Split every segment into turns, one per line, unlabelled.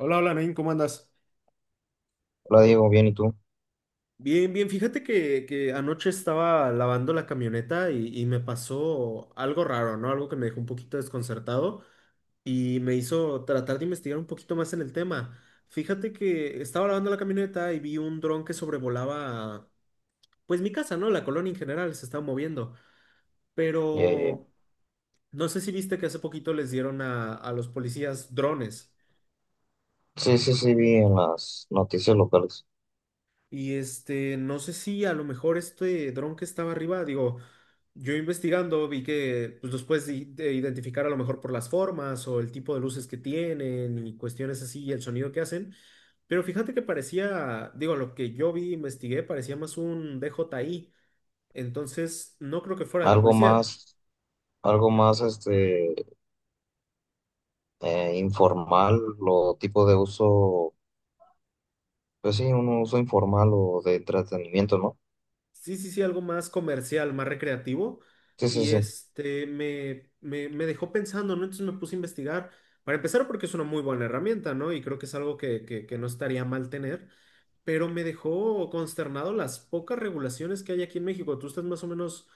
Hola, hola, Nain, ¿cómo andas?
Hola Diego, bien, ¿y tú?
Bien, bien, fíjate que anoche estaba lavando la camioneta y me pasó algo raro, ¿no? Algo que me dejó un poquito desconcertado y me hizo tratar de investigar un poquito más en el tema. Fíjate que estaba lavando la camioneta y vi un dron que sobrevolaba, pues mi casa, ¿no? La colonia en general se estaba moviendo,
Ya, ya, ya.
pero no sé si viste que hace poquito les dieron a los policías drones.
Sí, sí, sí, vi en las noticias locales.
Y este, no sé si a lo mejor este dron que estaba arriba, digo, yo investigando vi que pues, los puedes i- de identificar a lo mejor por las formas o el tipo de luces que tienen y cuestiones así y el sonido que hacen. Pero fíjate que parecía, digo, lo que yo vi, investigué, parecía más un DJI. Entonces, no creo que fuera de la
Algo
policía.
más, algo más, informal o tipo de uso, pues sí, un uso informal o de entretenimiento, ¿no?
Sí, sí, sí, algo más comercial, más recreativo.
Sí, sí,
Y
sí.
este me dejó pensando, ¿no? Entonces me puse a investigar. Para empezar, porque es una muy buena herramienta, ¿no? Y creo que es algo que no estaría mal tener. Pero me dejó consternado las pocas regulaciones que hay aquí en México. Tú estás más o menos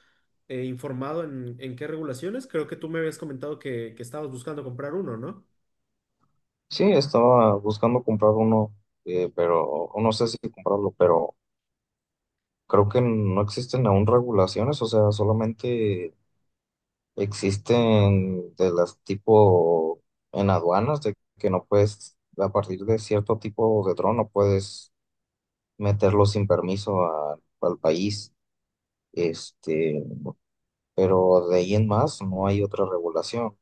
informado en qué regulaciones. Creo que tú me habías comentado que estabas buscando comprar uno, ¿no?
Sí, estaba buscando comprar uno, pero no sé si comprarlo, pero creo que no existen aún regulaciones, o sea, solamente existen de las tipo en aduanas, de que no puedes, a partir de cierto tipo de dron, no puedes meterlo sin permiso al país. Este, pero de ahí en más no hay otra regulación.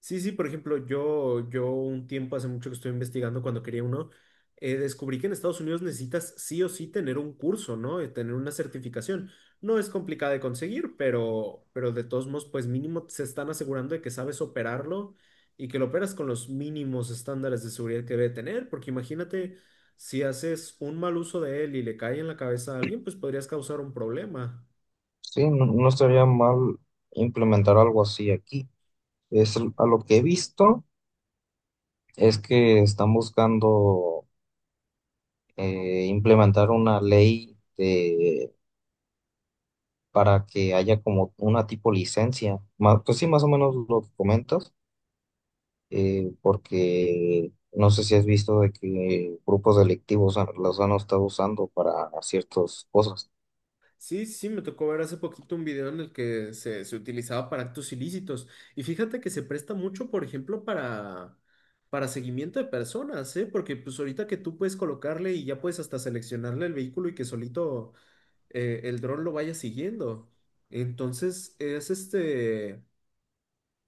Sí, sí, por ejemplo, yo un tiempo hace mucho que estoy investigando cuando quería uno, descubrí que en Estados Unidos necesitas sí o sí tener un curso, ¿no? Tener una certificación. No es complicada de conseguir, pero de todos modos, pues mínimo se están asegurando de que sabes operarlo y que lo operas con los mínimos estándares de seguridad que debe tener, porque imagínate, si haces un mal uso de él y le cae en la cabeza a alguien, pues podrías causar un problema.
Sí, no, no estaría mal implementar algo así aquí. Es, a lo que he visto es que están buscando implementar una ley para que haya como una tipo licencia. Pues sí, más o menos lo que comentas, porque no sé si has visto de que grupos delictivos los han estado usando para ciertas cosas.
Sí, sí, sí, me tocó ver hace poquito un video en el que se utilizaba para actos ilícitos. Y fíjate que se presta mucho, por ejemplo, para seguimiento de personas, ¿eh? Porque pues ahorita que tú puedes colocarle y ya puedes hasta seleccionarle el vehículo y que solito el dron lo vaya siguiendo. Entonces, es este,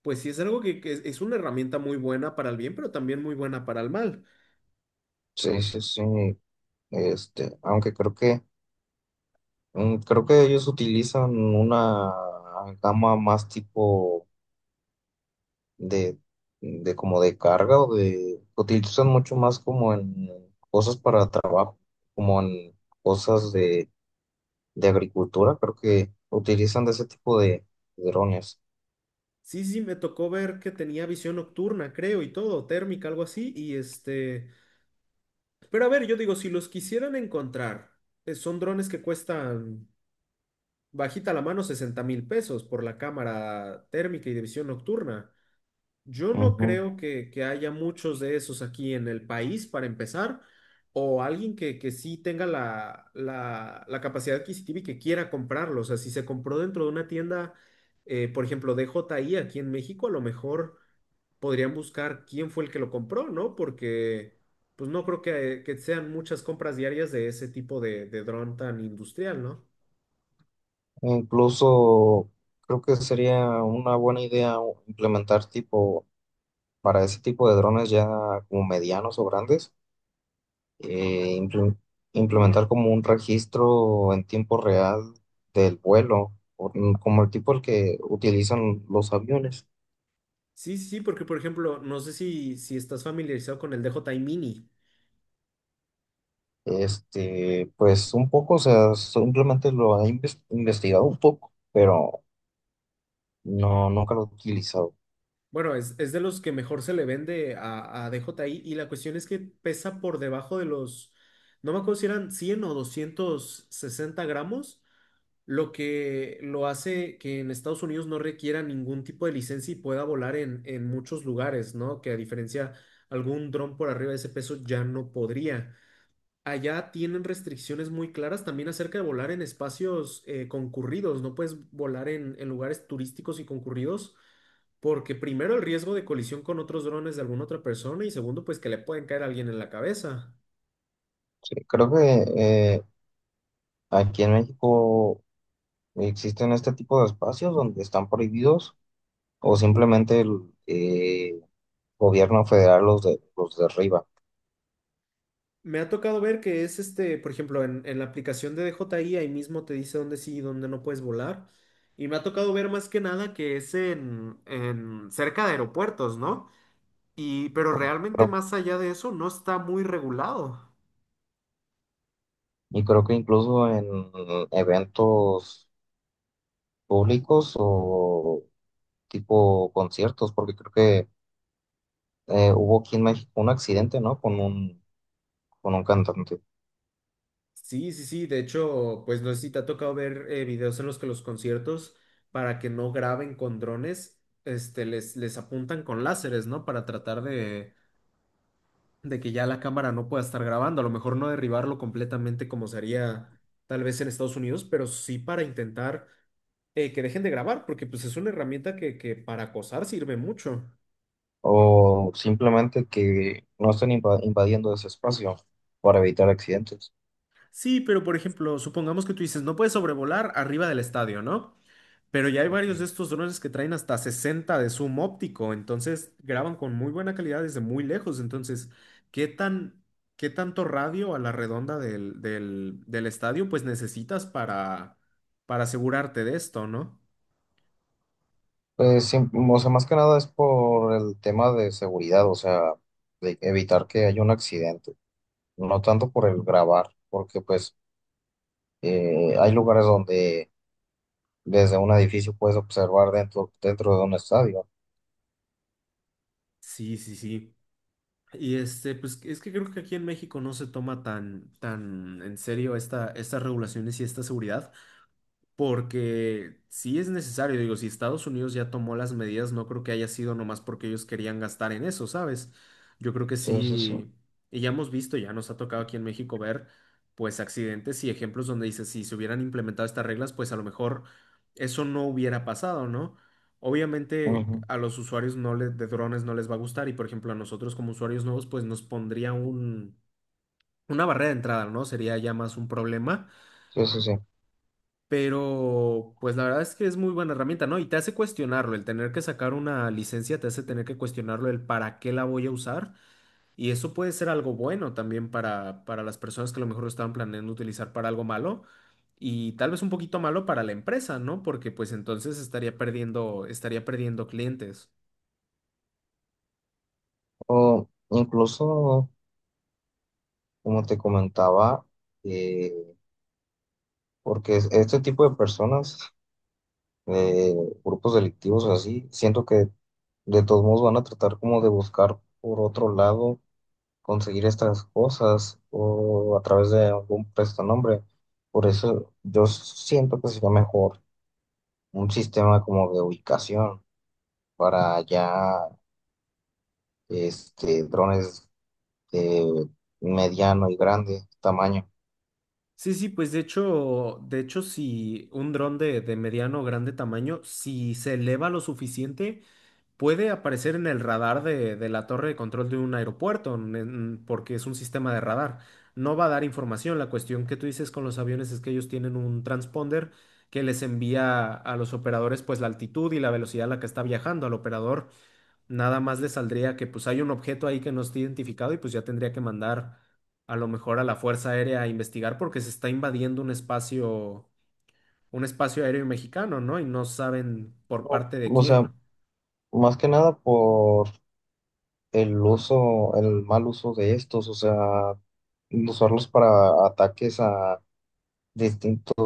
pues sí, es algo que, que es una herramienta muy buena para el bien, pero también muy buena para el mal.
Sí, sí, sí. Aunque creo que creo que ellos utilizan una gama más tipo de, de como de carga o de utilizan mucho más como en cosas para trabajo, como en cosas de agricultura, creo que utilizan de ese tipo de drones.
Sí, sí, me tocó ver que tenía visión nocturna, creo, y todo, térmica, algo así, y este... Pero a ver, yo digo, si los quisieran encontrar, son drones que cuestan bajita la mano 60,000 pesos por la cámara térmica y de visión nocturna. Yo no
Ujú.
creo que haya muchos de esos aquí en el país para empezar, o alguien que sí tenga la capacidad adquisitiva y que quiera comprarlo. O sea, si se compró dentro de una tienda, por ejemplo, DJI aquí en México, a lo mejor podrían buscar quién fue el que lo compró, ¿no? Porque pues no creo que sean muchas compras diarias de ese tipo de dron tan industrial, ¿no?
E incluso creo que sería una buena idea implementar tipo, para ese tipo de drones ya como medianos o grandes, eh, imple- implementar como un registro en tiempo real del vuelo, como el tipo el que utilizan los aviones.
Sí, sí, sí, porque por ejemplo, no sé si estás familiarizado con el DJI Mini.
Este, pues un poco, o sea, simplemente lo he investigado un poco, pero no, nunca lo he utilizado.
Bueno, es de los que mejor se le vende a DJI y la cuestión es que pesa por debajo de los, no me acuerdo si eran 100 o 260 gramos lo que lo hace que en Estados Unidos no requiera ningún tipo de licencia y pueda volar en muchos lugares, ¿no? Que a diferencia algún dron por arriba de ese peso ya no podría. Allá tienen restricciones muy claras también acerca de volar en espacios concurridos, no puedes volar en lugares turísticos y concurridos. Porque primero el riesgo de colisión con otros drones de alguna otra persona y segundo pues que le pueden caer a alguien en la cabeza.
Sí, creo que eh, aquí en México existen este tipo de espacios donde están prohibidos o simplemente el eh, gobierno federal los derriba.
Me ha tocado ver que es este, por ejemplo, en la aplicación de DJI ahí mismo te dice dónde sí y dónde no puedes volar. Y me ha tocado ver más que nada que es en cerca de aeropuertos, ¿no? Y, pero realmente
Creo-
más allá de eso no está muy regulado.
Creo que incluso en eventos públicos o tipo conciertos, porque creo que hubo aquí en México un accidente, ¿no? Con un cantante.
Sí, sí, sí. De hecho, pues no sé si te ha tocado ver videos en los que los conciertos, para que no graben con drones, este, les apuntan con láseres, ¿no? Para tratar de que ya la cámara no pueda estar grabando, a lo mejor no derribarlo completamente como se haría tal vez en Estados Unidos, pero sí para intentar que dejen de grabar, porque pues es una herramienta que para acosar sirve mucho.
O simplemente que no estén invadiendo ese espacio para evitar accidentes.
Sí, pero por ejemplo, supongamos que tú dices, no puedes sobrevolar arriba del estadio, ¿no? Pero ya hay varios de estos drones que traen hasta 60 de zoom óptico, entonces graban con muy buena calidad desde muy lejos. Entonces, ¿qué tan, qué tanto radio a la redonda del estadio pues necesitas para asegurarte de esto, ¿no?
Pues, sí, o sea, más que nada es por el tema de seguridad, o sea, de evitar que haya un accidente, no tanto por el grabar, porque pues hay lugares donde desde un edificio puedes observar dentro, dentro de un estadio.
Sí, sí, sí. Y este, pues es que creo que aquí en México no se toma tan, tan en serio esta, estas regulaciones y esta seguridad. Porque sí es necesario, digo, si Estados Unidos ya tomó las medidas, no creo que haya sido nomás porque ellos querían gastar en eso, ¿sabes? Yo creo que
Sí, sí, sí.
sí, y ya hemos visto, ya nos ha tocado aquí en México ver, pues, accidentes y ejemplos donde dice, si se hubieran implementado estas reglas, pues a lo mejor eso no hubiera pasado, ¿no? Obviamente
Ujú.
a los usuarios de drones no les va a gustar y, por ejemplo, a nosotros como usuarios nuevos, pues nos pondría un, una barrera de entrada, ¿no? Sería ya más un problema.
Sí, sí, sí.
Pero, pues la verdad es que es muy buena herramienta, ¿no? Y te hace cuestionarlo, el tener que sacar una licencia te hace tener que cuestionarlo el para qué la voy a usar. Y eso puede ser algo bueno también para las personas que a lo mejor lo estaban planeando utilizar para algo malo y tal vez un poquito malo para la empresa, ¿no? Porque pues entonces estaría perdiendo clientes.
O incluso, como te comentaba, eh, porque este tipo de personas, eh, grupos delictivos así, siento que de todos modos van a tratar como de buscar por otro lado conseguir estas cosas o a través de algún prestanombre. Por eso yo siento que sería mejor un sistema como de ubicación para ya este, drones de mediano y grande tamaño.
Sí, sí, pues de hecho, si un dron de mediano o grande tamaño, si se eleva lo suficiente, puede aparecer en el radar de la torre de control de un aeropuerto, porque es un sistema de radar. No va a dar información. La cuestión que tú dices con los aviones es que ellos tienen un transponder que les envía a los operadores pues la altitud y la velocidad a la que está viajando. Al operador nada más le saldría que pues hay un objeto ahí que no está identificado y pues ya tendría que mandar a lo mejor a la Fuerza Aérea a investigar porque se está invadiendo un espacio aéreo mexicano, ¿no? Y no saben por parte de
O sea,
quién.
más que nada por el uso, el mal uso de estos, o sea, usarlos para ataques a distintos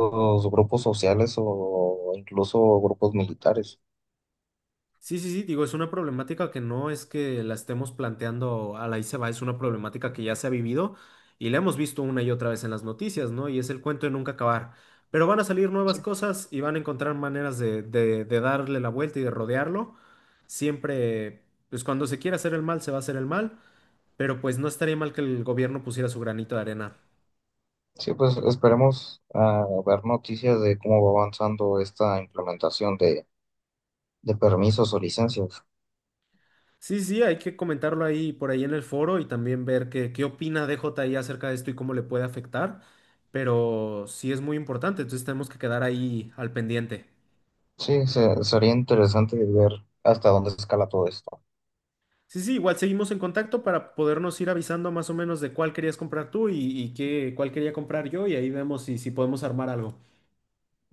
grupos sociales o incluso grupos militares.
Sí, sí, sí, digo, es una problemática que no es que la estemos planteando a la ahí se va, es una problemática que ya se ha vivido y la hemos visto una y otra vez en las noticias, ¿no? Y es el cuento de nunca acabar. Pero van a salir nuevas cosas y van a encontrar maneras de, de darle la vuelta y de rodearlo. Siempre, pues cuando se quiera hacer el mal, se va a hacer el mal, pero pues no estaría mal que el gobierno pusiera su granito de arena.
Sí, pues esperemos ver noticias de cómo va avanzando esta implementación de permisos o licencias.
Sí, sí, hay que comentarlo ahí por ahí en el foro y también ver qué, qué opina DJI acerca de esto y cómo le puede afectar, pero sí es muy importante, entonces tenemos que quedar ahí al pendiente.
Sí, sería interesante ver hasta dónde escala todo esto.
Sí, sí, igual seguimos en contacto para podernos ir avisando más o menos de cuál querías comprar tú y qué, cuál quería comprar yo y ahí vemos si, si podemos armar algo.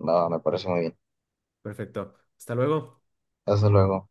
Nada, me parece muy bien.
Perfecto, hasta luego.
Hasta luego.